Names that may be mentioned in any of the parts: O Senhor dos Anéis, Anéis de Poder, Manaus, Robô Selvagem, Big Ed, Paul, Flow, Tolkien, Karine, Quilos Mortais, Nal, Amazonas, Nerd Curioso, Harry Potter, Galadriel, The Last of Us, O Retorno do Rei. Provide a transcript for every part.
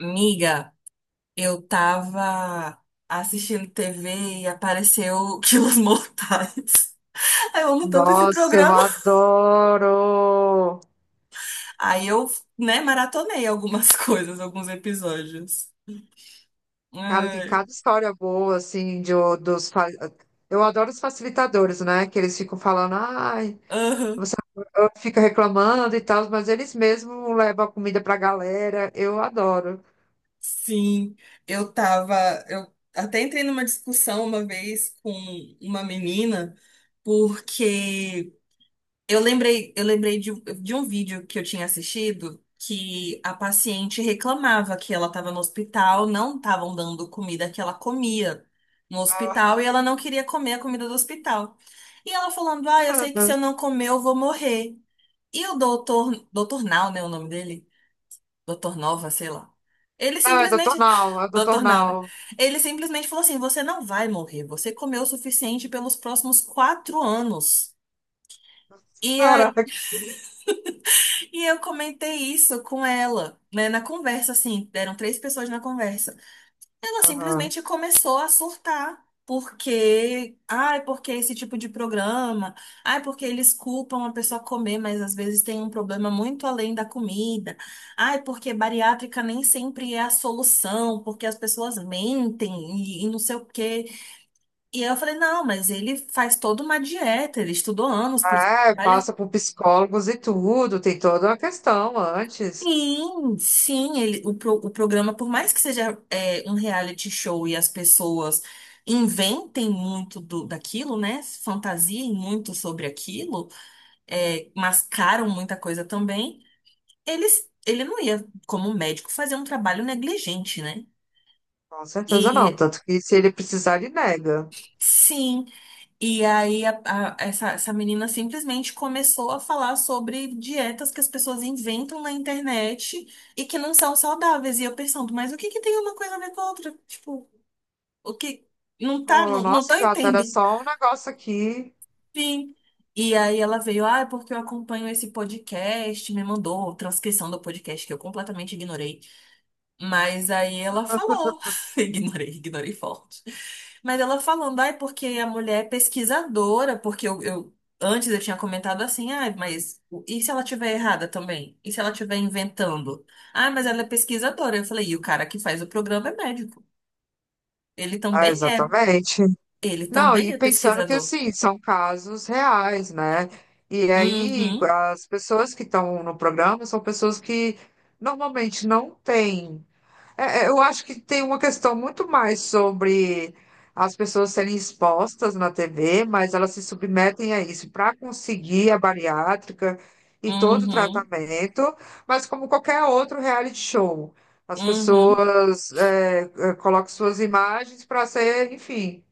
Miga, eu tava assistindo TV e apareceu Quilos Mortais. Eu amo tanto esse Nossa, eu programa. adoro! Aí eu, né, maratonei algumas coisas, alguns episódios. Cara, tem Ai, cada história boa, assim, de, o- dos. Fa- eu adoro os facilitadores, né? Que eles ficam falando, ai, aham, você fica reclamando e tal, mas eles mesmos levam a comida pra galera. Eu adoro. sim. Eu tava. Eu até entrei numa discussão uma vez com uma menina, porque eu lembrei de um vídeo que eu tinha assistido, que a paciente reclamava que ela estava no hospital, não estavam dando comida que ela comia no hospital e ela não queria comer a comida do hospital. E ela falando: Ah, eu sei que, se Ah. eu não comer, eu vou morrer. E o doutor Nau, né, o nome dele? Doutor Nova, sei lá. Ele Não, é doutor simplesmente, Nal, é doutor doutor Nau, né? Nal. Ele simplesmente falou assim: Você não vai morrer, você comeu o suficiente pelos próximos quatro anos. E Caraca. e eu comentei isso com ela, né, na conversa, assim, eram três pessoas na conversa. Ela Aham. simplesmente começou a surtar, porque, ai, porque esse tipo de programa, ai, porque eles culpam a pessoa comer, mas às vezes tem um problema muito além da comida. Ai, porque bariátrica nem sempre é a solução, porque as pessoas mentem e não sei o quê. E eu falei, não, mas ele faz toda uma dieta, ele estudou anos, por isso É, trabalha. passa por psicólogos e tudo, tem toda uma questão antes. Sim, sim, ele, o, o programa, por mais que seja é, um reality show e as pessoas inventem muito do, daquilo, né? Fantasiem muito sobre aquilo, é, mascaram muita coisa também, eles, ele não ia, como médico, fazer um trabalho negligente, né? Com certeza não, E tanto que se ele precisar, ele nega. sim, e aí, essa menina simplesmente começou a falar sobre dietas que as pessoas inventam na internet e que não são saudáveis. E eu pensando, mas o que que tem uma coisa a ver com a outra? Tipo, o que. Não tá, Oh, não, tô nossa, gata, era entendendo. só um negócio aqui. Sim. E aí ela veio, ah, é porque eu acompanho esse podcast, me mandou a transcrição do podcast que eu completamente ignorei. Mas aí ela falou, ignorei, ignorei forte. Mas ela falando, ai, porque a mulher é pesquisadora, porque antes eu tinha comentado assim, ai, mas o- e se ela tiver errada também? E se ela estiver inventando? Ah, mas ela é pesquisadora. Eu falei, e o cara que faz o programa é médico. Ele Ah, também é, exatamente. ele Não, também e é pensando que pesquisador. assim, são casos reais, né? E aí, Uhum, as pessoas que estão no programa são pessoas que normalmente não têm. É, é, eu acho que tem uma questão muito mais sobre as pessoas serem expostas na TV, mas elas se submetem a isso para conseguir a bariátrica e todo o uhum, tratamento, mas como qualquer outro reality show, as uhum, pessoas colocam suas imagens para ser, enfim,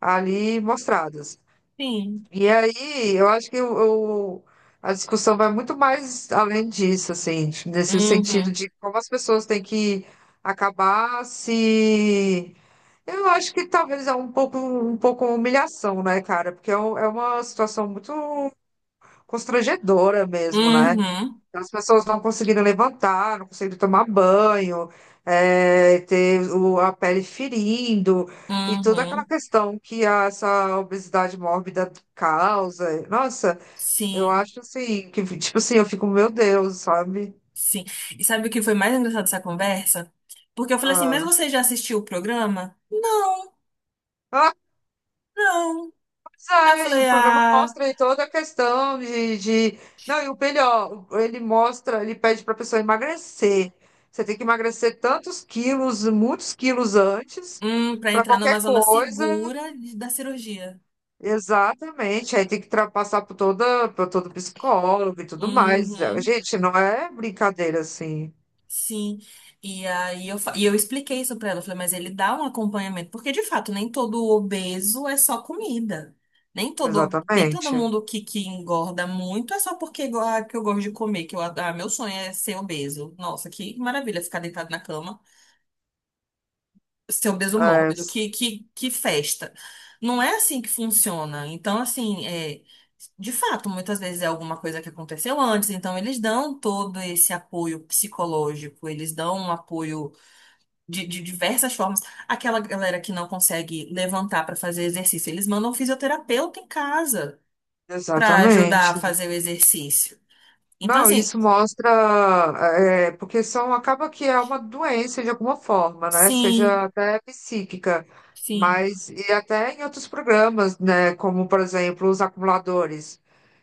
ali mostradas. sim. E aí, eu acho que a discussão vai muito mais além disso, assim, nesse sentido Uhum, de como as pessoas têm que acabar se. Eu acho que talvez é um pouco humilhação, né, cara? Porque é uma situação muito constrangedora mesmo, né? uhum, Então, as pessoas não conseguindo levantar, não conseguindo tomar banho, é, ter a pele ferindo, e toda aquela uhum, questão que essa obesidade mórbida causa. Nossa, eu sim. acho assim, que tipo assim, eu fico, meu Deus, sabe? Sim. E sabe o que foi mais engraçado dessa conversa? Porque eu falei assim, mas Ah. você já assistiu o programa? Não, Ah, não. pois Aí eu é, e o falei, programa ah, mostra aí toda a questão de. Não, e o melhor, ele mostra, ele pede para a pessoa emagrecer. Você tem que emagrecer tantos quilos, muitos quilos antes, pra para entrar numa qualquer zona coisa. segura da cirurgia. Exatamente, aí tem que passar por toda, por todo psicólogo e tudo mais. Uhum, Gente, não é brincadeira assim. sim. E aí e eu expliquei isso pra ela. Eu falei, mas ele dá um acompanhamento. Porque, de fato, nem todo obeso é só comida. Nem todo, Exatamente. Que engorda muito é só porque ah, que eu gosto de comer, que ah, meu sonho é ser obeso. Nossa, que maravilha ficar deitado na cama. Ser obeso É, mórbido, s- que festa. Não é assim que funciona. Então, assim, é, de fato, muitas vezes é alguma coisa que aconteceu antes, então eles dão todo esse apoio psicológico, eles dão um apoio de diversas formas. Aquela galera que não consegue levantar para fazer exercício, eles mandam um fisioterapeuta em casa para ajudar a exatamente. fazer o exercício. Então, Não, assim, isso mostra, é, porque são, acaba que é uma doença de alguma forma, né? Seja sim, até psíquica, sim. mas e até em outros programas, né? Como, por exemplo, os acumuladores.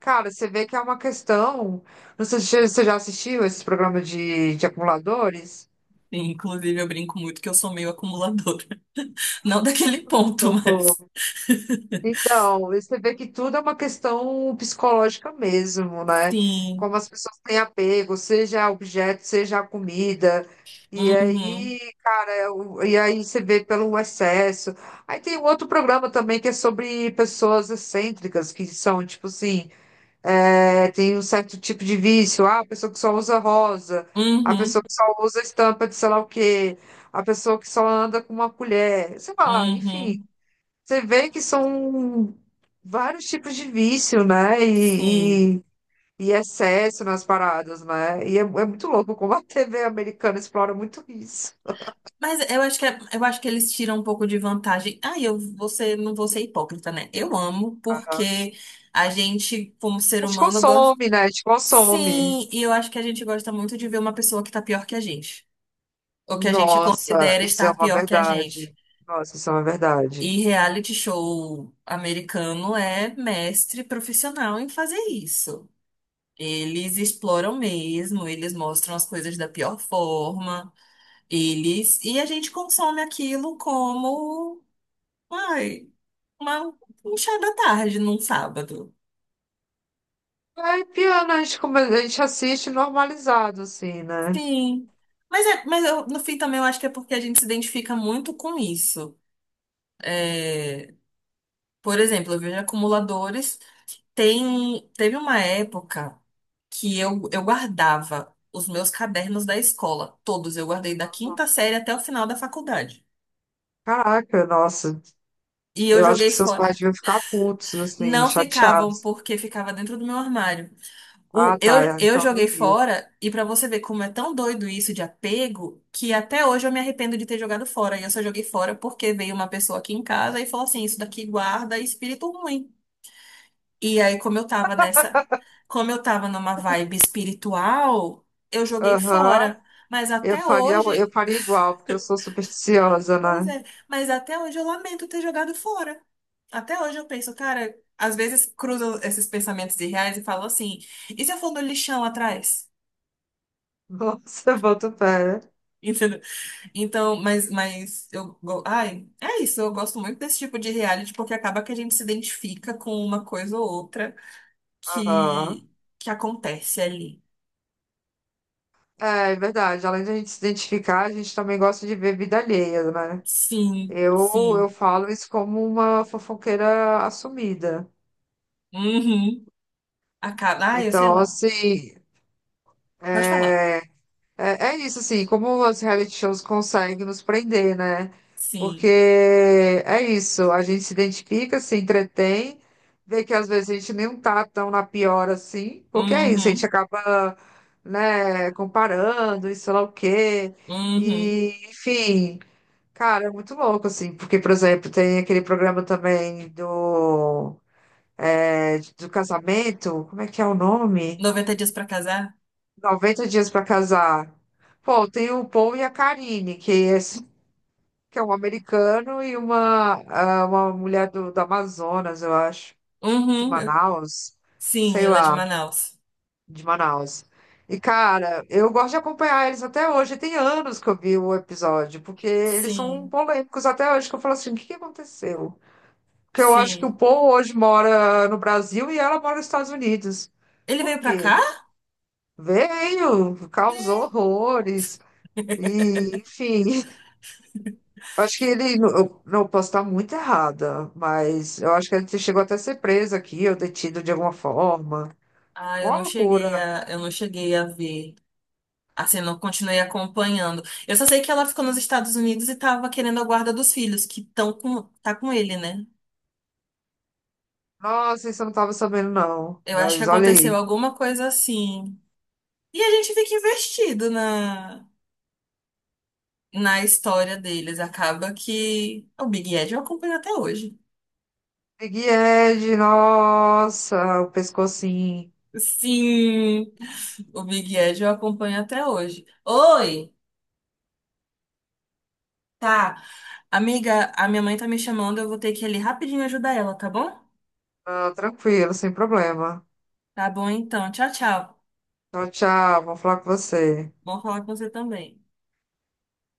Cara, você vê que é uma questão. Não sei se você já assistiu esses programas de acumuladores. Inclusive, eu brinco muito que eu sou meio acumuladora. Não daquele ponto, mas. Socorro. Então, você vê que tudo é uma questão psicológica mesmo, né? Sim. Como as pessoas têm apego, seja a objeto, seja a comida. E Uhum. aí, cara, é e aí você vê pelo excesso. Aí tem um outro programa também que é sobre pessoas excêntricas, que são, tipo assim, é, tem um certo tipo de vício. Ah, a pessoa que só usa rosa, a pessoa Uhum. que só usa estampa de sei lá o quê, a pessoa que só anda com uma colher, sei lá, enfim. Uhum. Você vê que são vários tipos de vício, né? Sim. E excesso nas paradas, né? E é muito louco como a TV americana explora muito isso. Mas eu acho que, eu acho que eles tiram um pouco de vantagem. Ah, eu vou ser, não vou ser hipócrita, né? Eu amo, Aham. porque a gente, como ser A gente humano, gosta. consome, né? A gente consome. Sim, e eu acho que a gente gosta muito de ver uma pessoa que tá pior que a gente. Ou que a gente Nossa, considera isso é estar uma pior que a gente. verdade. Nossa, isso é uma verdade. E reality show americano é mestre profissional em fazer isso. Eles exploram mesmo, eles mostram as coisas da pior forma, eles e a gente consome aquilo como, ai, uma, um chá da tarde num sábado. É, piano, a gente assiste normalizado, assim, né? Sim. Mas, é, mas eu, no fim também eu acho que é porque a gente se identifica muito com isso. É, por exemplo, eu vejo acumuladores. Teve uma época que eu guardava os meus cadernos da escola, todos. Eu guardei da quinta série até o final da faculdade. Caraca, nossa. E eu Eu acho joguei que seus fora. pais deviam ficar putos, assim, Não ficavam chateados. porque ficava dentro do meu armário. Ah, tá. Eu Então nem joguei viu. fora, e pra você ver como é tão doido isso de apego, que até hoje eu me arrependo de ter jogado fora. E eu só joguei fora porque veio uma pessoa aqui em casa e falou assim: Isso daqui guarda espírito ruim. E aí, como eu tava nessa, como eu tava numa vibe espiritual, eu joguei Aham. fora. Mas Eu até faria, eu hoje, faria igual, porque eu sou supersticiosa, pois né? é, mas até hoje eu lamento ter jogado fora. Até hoje eu penso, cara, às vezes cruzo esses pensamentos irreais e falo assim, e se eu for no lixão atrás? Nossa, eu boto fé. Entendeu? Então, mas eu ai, é isso, eu gosto muito desse tipo de reality porque acaba que a gente se identifica com uma coisa ou outra Aham. que, que acontece ali. É, é verdade. Além de a gente se identificar, a gente também gosta de ver vida alheia, né? Sim, Eu sim. falo isso como uma fofoqueira assumida. Uhum. A. Ah, eu sei Então, lá. assim, Pode falar. é. É, é isso, assim, como os reality shows conseguem nos prender, né? Porque Sim. é isso, a gente se identifica, se entretém, vê que às vezes a gente nem tá tão na pior assim, porque é isso, a gente Uhum. acaba, né, comparando, e sei lá o quê, Uhum. e enfim, cara, é muito louco, assim, porque, por exemplo, tem aquele programa também do, é, do casamento, como é que é o nome? 90 dias pra casar? 90 dias pra casar. Pô, tem o Paul e a Karine, que é um americano e uma, ah, uma mulher do Amazonas, eu acho, de Uhum. Eu- Manaus, sim, sei ele é de lá, Manaus. de Manaus. E, cara, eu gosto de acompanhar eles até hoje. Tem anos que eu vi o episódio, porque eles são Sim. polêmicos até hoje, que eu falo assim, o que que aconteceu? Porque eu acho que o Sim. Paul hoje mora no Brasil e ela mora nos Estados Unidos. Ele Por veio pra quê? cá? Veio, causou É. horrores. E, enfim, acho que ele. Eu, não, eu posso estar muito errada, mas eu acho que ele chegou até a ser preso aqui, ou detido de alguma forma. Ah, eu Uma não cheguei loucura. a, eu não cheguei a ver. Assim, não continuei acompanhando. Eu só sei que ela ficou nos Estados Unidos e tava querendo a guarda dos filhos, que estão com, tá com ele, né? Nossa, isso eu não estava sabendo, não. Eu acho que Mas olha aconteceu aí. alguma coisa assim. E a gente fica investido na, na história deles. Acaba que o Big Ed eu acompanho até hoje. Big Ed, nossa, o pescocinho. Sim, o Big Ed eu acompanho até hoje. Oi, tá. Amiga, a minha mãe tá me chamando, eu vou ter que ir ali rapidinho ajudar ela, tá bom? Ah, tranquilo, sem problema. Tá bom então. Tchau, tchau. Tchau, tchau. Vou falar com você. Bom falar com você também.